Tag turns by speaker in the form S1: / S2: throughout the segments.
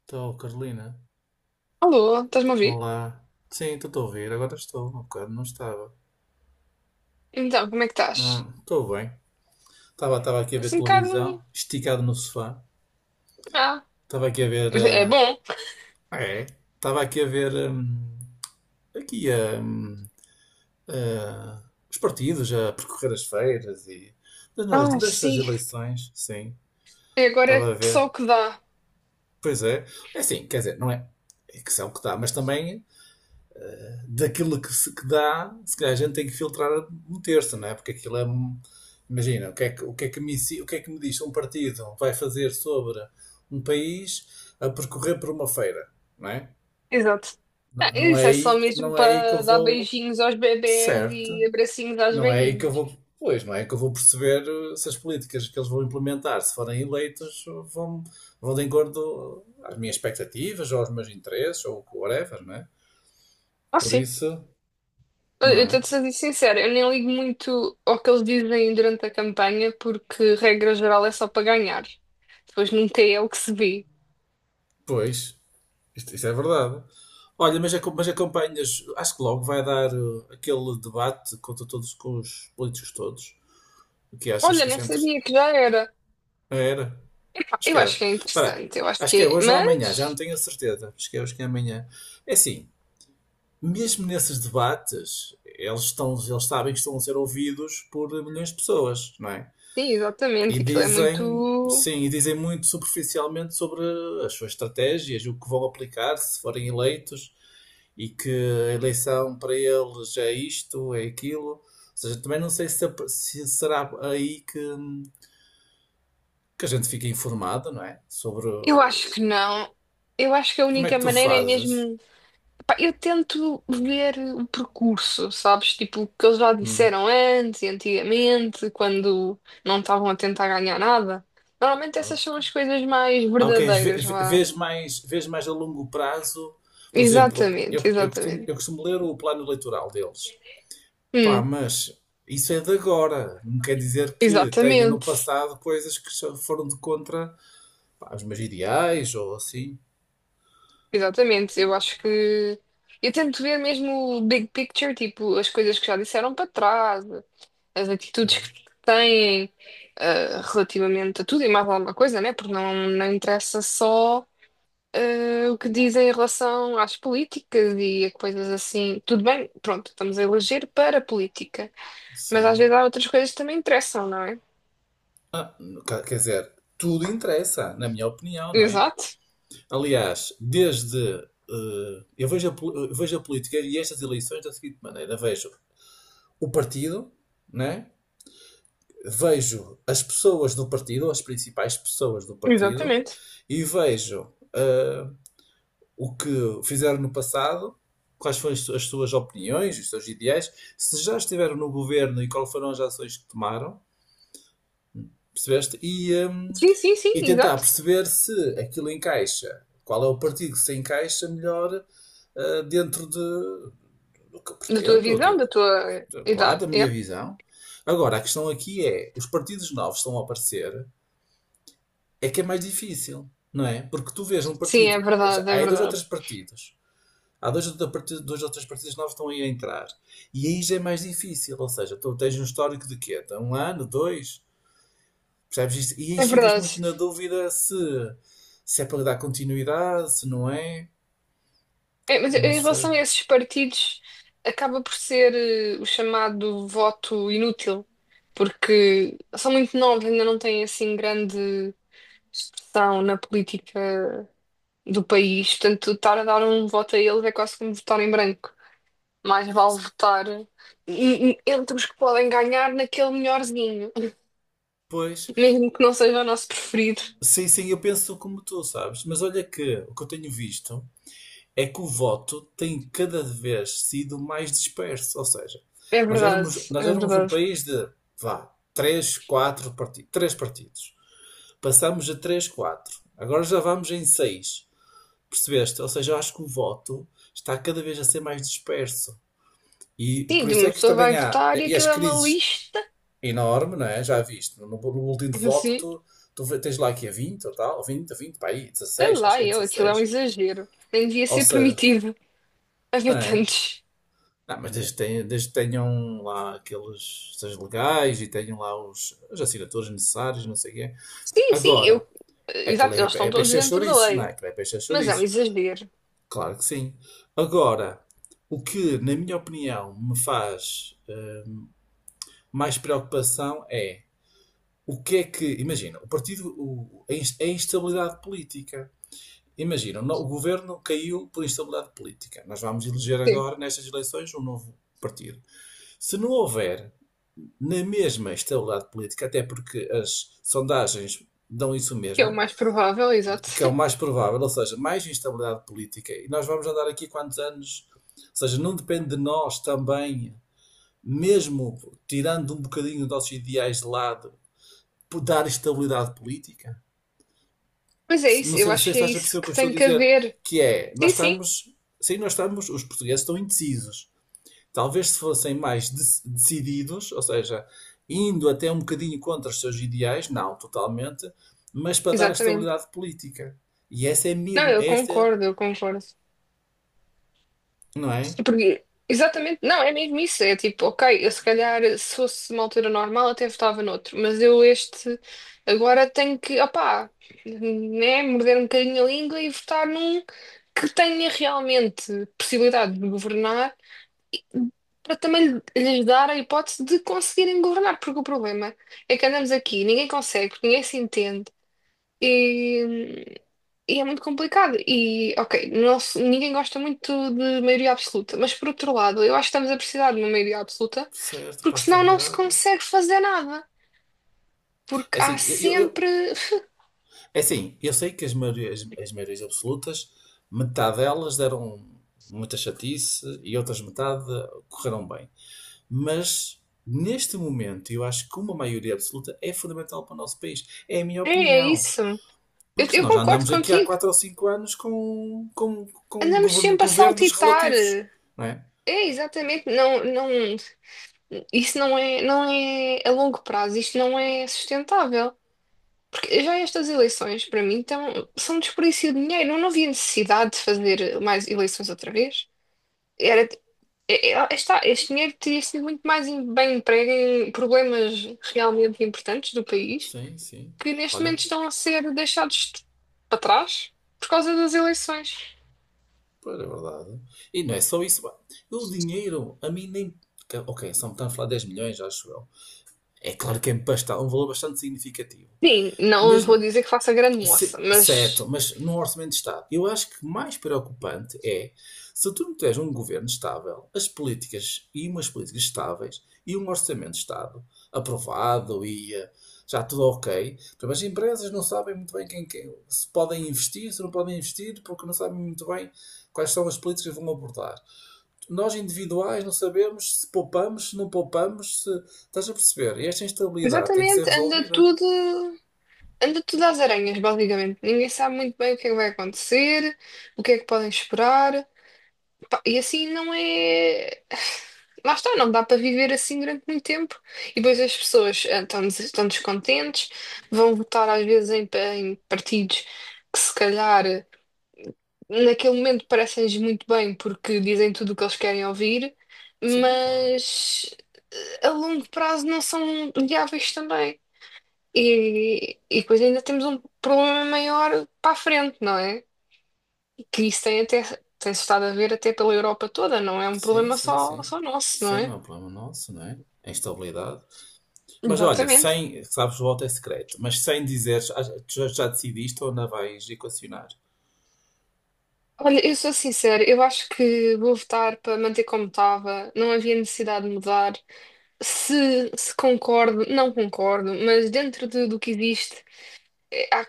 S1: Estou, Carolina.
S2: Alô, estás-me a ouvir?
S1: Olá. Sim, estou a ouvir. Agora estou. Há bocado não estava.
S2: Então, como é que estás?
S1: Não, estou bem. Estava aqui a ver
S2: Assim um
S1: televisão,
S2: bocado.
S1: esticado no sofá.
S2: Ah,
S1: Estava aqui a ver.
S2: é bom.
S1: É? Estava aqui a ver. Aqui os partidos, a percorrer as feiras e das novas,
S2: Ah,
S1: destas
S2: sim.
S1: eleições. Sim.
S2: E agora
S1: Estava
S2: é
S1: a ver.
S2: só o que dá.
S1: Pois é. É assim, quer dizer, não é? É que são o que dá, mas também daquilo que dá, se calhar a gente tem que filtrar um terço, não é? Porque aquilo é um- Imagina, o que é que, o que, é que, me, ensi- o que é que me diz um partido vai fazer sobre um país a percorrer por uma feira, não é?
S2: Exato. Ah,
S1: Não é
S2: isso é
S1: aí,
S2: só
S1: que-
S2: mesmo
S1: não é aí que eu
S2: para dar
S1: vou.
S2: beijinhos aos bebés
S1: Certo,
S2: e abracinhos aos
S1: não é aí que eu
S2: velhinhos.
S1: vou. Pois, não é aí que eu vou perceber se as políticas que eles vão implementar, se forem eleitos, vão, vão de acordo às minhas expectativas, ou aos meus interesses, ou whatever, não é?
S2: Ah,
S1: Por
S2: sim.
S1: isso,
S2: Eu
S1: não
S2: eu estou-te
S1: é?
S2: a ser sincera, eu nem ligo muito ao que eles dizem durante a campanha, porque regra geral é só para ganhar. Depois nunca é o que se vê.
S1: Pois. Isto é verdade. Olha, mas, acom- mas acompanhas, acho que logo vai dar aquele debate contra todos, com os políticos todos. O que achas
S2: Olha,
S1: que
S2: nem
S1: isso é entre...
S2: sabia que já era.
S1: Ah, era? Acho
S2: Eu
S1: que é.
S2: acho que é
S1: Peraí,
S2: interessante, eu acho
S1: acho
S2: que
S1: que é
S2: é.
S1: hoje ou amanhã, já não
S2: Mas.
S1: tenho a certeza. Acho que é hoje que é amanhã. É assim, mesmo nesses debates, eles sabem que estão a ser ouvidos por milhões de pessoas, não é?
S2: Sim,
S1: E
S2: exatamente. Aquilo é
S1: dizem,
S2: muito.
S1: sim, e dizem muito superficialmente sobre as suas estratégias, o que vão aplicar se forem eleitos e que a eleição para eles é isto, é aquilo. Ou seja, também não sei se será aí que a gente fica informado, não é? Sobre
S2: Eu acho que não. Eu acho que a
S1: como é
S2: única
S1: que tu
S2: maneira é
S1: fazes.
S2: mesmo. Pá, eu tento ver o percurso, sabes? Tipo, o que eles já
S1: Hum.
S2: disseram antes e antigamente, quando não estavam a tentar ganhar nada. Normalmente essas são as coisas mais
S1: Ah, ok, vê-
S2: verdadeiras
S1: vê-
S2: lá.
S1: vês mais a longo prazo. Por exemplo,
S2: Exatamente,
S1: eu
S2: exatamente.
S1: costumo ler o plano eleitoral deles. Pá,
S2: Hum,
S1: mas isso é de agora. Não quer dizer que tenha no
S2: exatamente,
S1: passado coisas que só foram de contra, pá, os meus ideais ou assim.
S2: exatamente. Eu acho que. Eu tento ver mesmo o big picture, tipo, as coisas que já disseram para trás. As atitudes
S1: Hum,
S2: que têm relativamente a tudo e mais alguma coisa, né? Porque não, não interessa só o que dizem em relação às políticas e a coisas assim. Tudo bem, pronto, estamos a eleger para a política, mas às
S1: sim.
S2: vezes há outras coisas que também interessam, não é?
S1: Ah, quer dizer, tudo interessa, na minha opinião, não é?
S2: Exato,
S1: Aliás, desde eu vejo a, pol- eu vejo a política e estas eleições da seguinte maneira: vejo o partido, né? Vejo as pessoas do partido, as principais pessoas do partido,
S2: exatamente.
S1: e vejo o que fizeram no passado, quais foram as suas opiniões, os seus ideais, se já estiveram no governo e quais foram as ações que tomaram, percebeste?
S2: Sim, sim, sim,
S1: E tentar
S2: exato.
S1: perceber se aquilo encaixa, qual é o partido que se encaixa melhor dentro de, do que eu
S2: Da tua
S1: pretendo, ou do
S2: visão, da
S1: que,
S2: tua
S1: claro,
S2: idade.
S1: da minha
S2: É.
S1: visão. Agora, a questão aqui é, os partidos novos estão a aparecer, é que é mais difícil, não é? Porque tu vês um
S2: Sim, é
S1: partido, já-
S2: verdade,
S1: há
S2: é
S1: aí dois ou três
S2: verdade.
S1: partidos. Há dois, ou partidos- três partidos novos que estão aí a entrar. E aí já é mais difícil, ou seja, tu tens um histórico de quê? De um ano, dois? Percebes isto? E aí
S2: É
S1: ficas muito
S2: verdade.
S1: na dúvida se é para dar continuidade, se não é.
S2: É, mas
S1: Não
S2: em
S1: sei.
S2: relação a esses partidos, acaba por ser o chamado voto inútil, porque são muito novos, ainda não têm assim grande expressão na política do país, portanto, estar a dar um voto a eles é quase como votar em branco. Mais vale votar em- em- entre os que podem ganhar naquele melhorzinho,
S1: Pois,
S2: mesmo que não seja o nosso preferido.
S1: sim, sim, eu penso como tu, sabes? Mas olha que o que eu tenho visto é que o voto tem cada vez sido mais disperso. Ou seja,
S2: É verdade,
S1: nós
S2: é
S1: éramos um
S2: verdade.
S1: país de, vá, três, quatro partidos, três partidos. Passamos a três, quatro. Agora já vamos em seis. Percebeste? Ou seja, eu acho que o voto está cada vez a ser mais disperso. E
S2: Sim,
S1: por
S2: de
S1: isso é
S2: uma
S1: que
S2: pessoa
S1: também
S2: vai
S1: há.
S2: votar e
S1: E as
S2: aquilo é uma
S1: crises
S2: lista,
S1: enormes, não é? Já viste. No boletim de voto,
S2: assim.
S1: tu tens lá aqui a 20 ou tal, 20 a 20, para aí,
S2: Sei
S1: 16, acho que
S2: lá,
S1: é
S2: eu, aquilo é um
S1: 16.
S2: exagero. Nem devia
S1: Ou
S2: ser
S1: seja,
S2: permitido
S1: não
S2: haver
S1: é?
S2: tantos.
S1: Não, mas desde que tenham lá aqueles seus legais e tenham lá os, as assinaturas necessárias, não sei o quê.
S2: Sim, sim, eu.
S1: Agora, é aquele
S2: Exato, eles
S1: é,
S2: estão
S1: é
S2: todos
S1: peixe a
S2: dentro da
S1: chouriços, não é?
S2: lei.
S1: Aquilo é peixe a
S2: Mas é um
S1: chouriços.
S2: exagero.
S1: Claro que sim. Agora, o que, na minha opinião, me faz mais preocupação é o que é que. Imagina, o partido, o- a ins- a instabilidade política. Imagina, o no- o governo caiu por instabilidade política. Nós vamos eleger
S2: Sim.
S1: agora, nestas eleições, um novo partido. Se não houver na mesma estabilidade política, até porque as sondagens dão isso
S2: Que é o
S1: mesmo,
S2: mais provável, exato.
S1: que é o mais provável, ou seja, mais instabilidade política. E nós vamos andar aqui quantos anos? Ou seja, não depende de nós também, mesmo tirando um bocadinho dos nossos ideais de lado, dar estabilidade política?
S2: Mas é isso,
S1: Não
S2: eu
S1: sei, não sei se
S2: acho que é
S1: estás a perceber
S2: isso
S1: o que
S2: que
S1: eu estou a
S2: tem que
S1: dizer,
S2: haver.
S1: que é,
S2: Sim, sim,
S1: sim, nós estamos, os portugueses estão indecisos. Talvez se fossem mais de- decididos, ou seja, indo até um bocadinho contra os seus ideais, não totalmente, mas para dar
S2: exatamente.
S1: estabilidade política. E essa é a minha,
S2: Não, eu
S1: essa é.
S2: concordo, eu concordo.
S1: Não é?
S2: Porque, exatamente, não, é mesmo isso. É tipo, ok, eu se calhar, se fosse uma altura normal, até votava noutro, mas eu este agora tenho que, opá, né, morder um bocadinho a língua e votar num que tenha realmente possibilidade de governar. Para também lhe- lhes dar a hipótese de conseguirem governar, porque o problema é que andamos aqui, ninguém consegue, ninguém se entende e é muito complicado. E, ok, não se- ninguém gosta muito de maioria absoluta, mas por outro lado, eu acho que estamos a precisar de uma maioria absoluta,
S1: Certo, para
S2: porque
S1: a
S2: senão não se
S1: estabilidade.
S2: consegue fazer nada.
S1: É
S2: Porque há
S1: assim, eu-
S2: sempre.
S1: é assim, eu sei que as maiorias absolutas, metade delas deram muita chatice e outras metade correram bem. Mas, neste momento, eu acho que uma maioria absoluta é fundamental para o nosso país. É a minha
S2: É, é
S1: opinião.
S2: isso. Eu,
S1: Porque
S2: eu
S1: nós já
S2: concordo
S1: andamos aqui há
S2: contigo.
S1: 4 ou 5 anos com
S2: Andamos
S1: govern-
S2: sempre a
S1: governos
S2: saltitar.
S1: relativos, não é?
S2: É, exatamente. Não, não, isso não é, não é a longo prazo, isto não é sustentável. Porque já estas eleições, para mim, então, são um desperdício de dinheiro. Eu não havia necessidade de fazer mais eleições outra vez. Era, Está, este dinheiro teria sido muito mais em- bem emprego em problemas realmente importantes do país,
S1: Sim, sim.
S2: que neste
S1: Olha,
S2: momento estão a ser deixados de- para trás por causa das eleições.
S1: pois é verdade. E não é só isso, pá. O dinheiro, a mim nem. Que- ok, só me está a falar 10 milhões, acho eu. É claro que é basta- um valor bastante significativo.
S2: Sim, não
S1: Mas
S2: vou
S1: n-
S2: dizer que faça grande moça,
S1: se-
S2: mas
S1: certo, mas num orçamento de Estado. Eu acho que mais preocupante é se tu não tens um governo estável, as políticas e umas políticas estáveis e um orçamento de Estado aprovado e já tudo ok. Portanto, as empresas não sabem muito bem quem, quem- se podem investir, se não podem investir, porque não sabem muito bem quais são as políticas que vão abordar. Nós individuais não sabemos se poupamos, se não poupamos, se estás a perceber. E esta instabilidade tem que ser
S2: exatamente
S1: resolvida.
S2: anda tudo às aranhas, basicamente. Ninguém sabe muito bem o que é que vai acontecer, o que é que podem esperar. Pá, e assim não é. Lá está, não dá para viver assim durante muito tempo. E depois as pessoas estão, des- estão descontentes, vão votar às vezes em, pa- em partidos que se calhar naquele momento parecem-lhes muito bem porque dizem tudo o que eles querem ouvir,
S1: Sim, claro.
S2: mas a longo prazo não são viáveis também. E depois ainda temos um problema maior para a frente, não é? Que isso tem até, tem-se estado a ver até pela Europa toda, não é um
S1: Sim,
S2: problema
S1: sim,
S2: só,
S1: sim.
S2: só nosso, não
S1: Sim, não
S2: é?
S1: é um problema nosso, não é? A instabilidade. Mas olha,
S2: Exatamente.
S1: sem, sabes, o voto é secreto, mas sem dizeres, ah, tu já, já decidiste ou ainda vais equacionar?
S2: Olha, eu sou sincera, eu acho que vou votar para manter como estava, não havia necessidade de mudar. Se concordo, não concordo, mas dentro de- do que existe, é, há-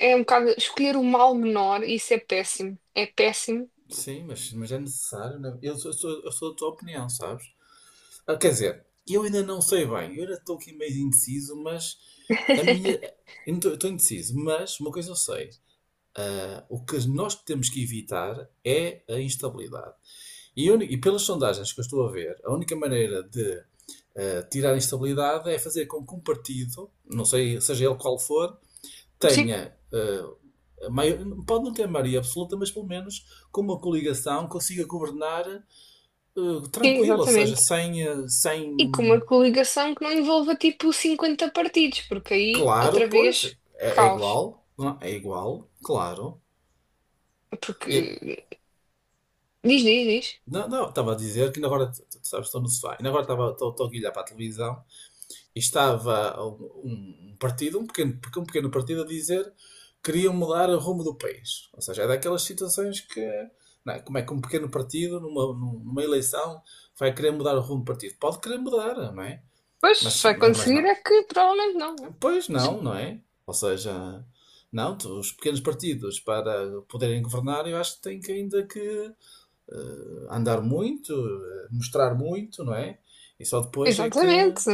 S2: é um bocado escolher o mal menor, e isso é péssimo. É péssimo.
S1: Sim, mas é necessário, não é? Eu sou da tua opinião, sabes? Ah, quer dizer, eu ainda não sei bem, eu ainda estou aqui meio indeciso, mas a minha. Eu não estou indeciso, mas uma coisa eu sei. Ah, o que nós temos que evitar é a instabilidade. E, uni- e pelas sondagens que eu estou a ver, a única maneira de tirar a instabilidade é fazer com que um partido, não sei, seja ele qual for,
S2: Sim,
S1: tenha, a mai- pode não ter maioria absoluta, mas pelo menos com uma coligação consiga governar
S2: sim,
S1: tranquilo, ou seja,
S2: exatamente.
S1: sem,
S2: E com uma coligação que não envolva tipo 50 partidos, porque aí,
S1: claro,
S2: outra
S1: pois,
S2: vez,
S1: é, é
S2: caos.
S1: igual, não, é. É igual, claro.
S2: Porque
S1: E,
S2: diz, diz, diz.
S1: não, não, estava a dizer que ainda agora, t- t- sabes, estou no sofá, ainda agora estava, estou, estou aqui a olhar para a televisão. E estava um partido, um pequeno partido, a dizer que queriam mudar o rumo do país. Ou seja, é daquelas situações que, não é? Como é que um pequeno partido, numa eleição, vai querer mudar o rumo do partido? Pode querer mudar, não é?
S2: Pois, se
S1: Mas,
S2: vai
S1: mas, mas
S2: conseguir
S1: não.
S2: é que provavelmente não. Não é?
S1: Pois não,
S2: Sim.
S1: não é? Ou seja, não, os pequenos partidos para poderem governar, eu acho que têm que ainda que andar muito, mostrar muito, não é? E só depois é que.
S2: Exatamente.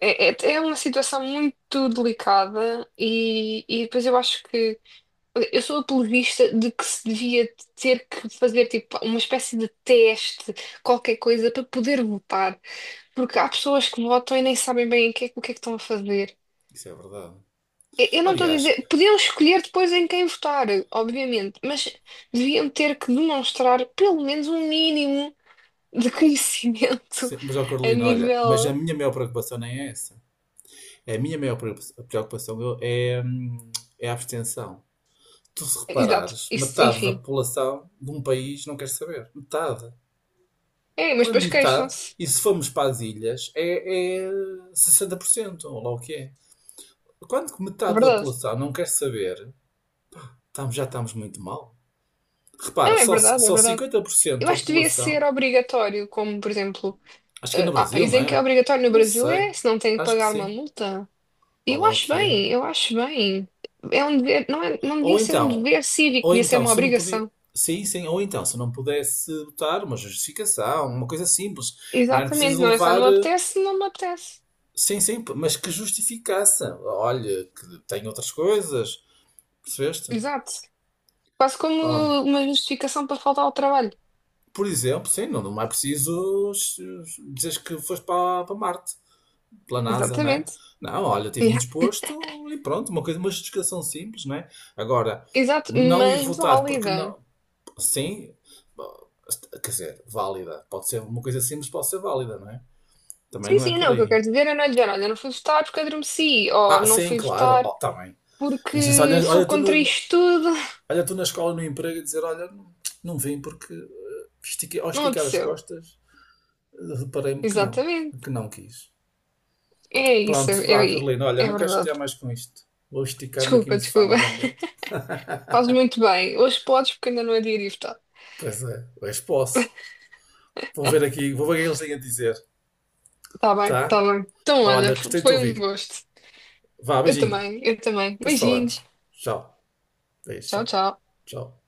S2: É, é, é uma situação muito delicada e depois eu acho que eu sou apologista de que se devia ter que fazer tipo uma espécie de teste, qualquer coisa, para poder votar. Porque há pessoas que votam e nem sabem bem o que é que estão a fazer.
S1: Isso é verdade.
S2: Eu não estou a
S1: Aliás,
S2: dizer. Podiam escolher depois em quem votar, obviamente, mas deviam ter que demonstrar pelo menos um mínimo de conhecimento
S1: sim, mas, ó
S2: a
S1: Carolina, olha, mas a
S2: nível.
S1: minha maior preocupação nem é essa. A minha maior preocupa- preocupação eu- é, é a abstenção. Tu, se
S2: Exato,
S1: reparares,
S2: isso,
S1: metade da
S2: enfim.
S1: população de um país não quer saber. Metade.
S2: É, mas
S1: Quando
S2: depois
S1: metade,
S2: queixam-se.
S1: e se formos para as ilhas, é, é 60%, ou lá o que é. Quando que
S2: É
S1: metade da
S2: verdade.
S1: população não quer saber, estamos- já estamos muito mal. Repara,
S2: Não, é
S1: só,
S2: verdade, é
S1: só
S2: verdade.
S1: 50%
S2: Eu
S1: da
S2: acho que devia
S1: população,
S2: ser obrigatório, como por exemplo,
S1: acho que é no
S2: há
S1: Brasil,
S2: países
S1: não
S2: em que é
S1: é?
S2: obrigatório no
S1: Nem
S2: Brasil
S1: sei.
S2: é, se não tem que
S1: Acho que
S2: pagar uma
S1: sim.
S2: multa.
S1: Olha
S2: Eu
S1: lá o
S2: acho
S1: que é.
S2: bem, eu acho bem. É um dever, não é, não
S1: Ou
S2: devia ser um
S1: então,
S2: dever cívico,
S1: ou
S2: devia ser
S1: então,
S2: uma
S1: se não puder.
S2: obrigação.
S1: Sim, sim, ou então, se não pudesse botar uma justificação, uma coisa simples, não era
S2: Exatamente,
S1: preciso
S2: não é só não
S1: levar.
S2: me apetece, não me apetece.
S1: Sim, sim, mas que justificasse. Olha, que tem outras coisas, percebeste?
S2: Exato. Quase como
S1: Ó,
S2: uma justificação para faltar ao trabalho.
S1: por exemplo, sim, não, não é preciso dizer que foste para, para Marte, pela NASA, não é?
S2: Exatamente.
S1: Não, olha, estive
S2: Yeah.
S1: indisposto e pronto, uma coisa, uma justificação simples, não é? Agora,
S2: Exato,
S1: não ir
S2: mas
S1: votar porque
S2: válida.
S1: não. Sim, bom, quer dizer, válida. Pode ser uma coisa simples, pode ser válida, não é? Também
S2: Sim,
S1: não é
S2: sim,
S1: por
S2: não, o que eu
S1: aí.
S2: quero dizer é não é dizer, olha, não fui votar porque adormeci, ou
S1: Ah,
S2: não
S1: sim,
S2: fui
S1: claro.
S2: votar
S1: Oh, tá bem. Insiste,
S2: porque
S1: olha,
S2: sou
S1: olha, tu
S2: contra
S1: no-
S2: isto tudo.
S1: olha tu na escola, no emprego, e dizer: olha, não, não vim porque estiquei- ao
S2: Não
S1: esticar as
S2: aconteceu.
S1: costas reparei-me que
S2: Exatamente.
S1: não quis.
S2: É isso,
S1: Pronto, vá,
S2: é, é
S1: Carolina, olha,
S2: é
S1: não quero
S2: verdade.
S1: chatear mais com isto. Vou esticar-me aqui
S2: Desculpa,
S1: no sofá
S2: desculpa.
S1: novamente.
S2: Fazes muito bem. Hoje podes porque ainda não é dia de ir votar.
S1: Pois é, hoje posso. Vou ver aqui, vou ver o que eles têm a dizer,
S2: Tá bem, tá
S1: tá?
S2: bem. Então, olha,
S1: Olha, gostei de te
S2: foi um
S1: ouvir.
S2: gosto.
S1: Vá,
S2: Eu
S1: beijinho.
S2: também, eu também.
S1: Depois
S2: Beijinhos.
S1: falamos. Tchau. Beijo,
S2: Tchau,
S1: tchau.
S2: tchau.
S1: Tchau.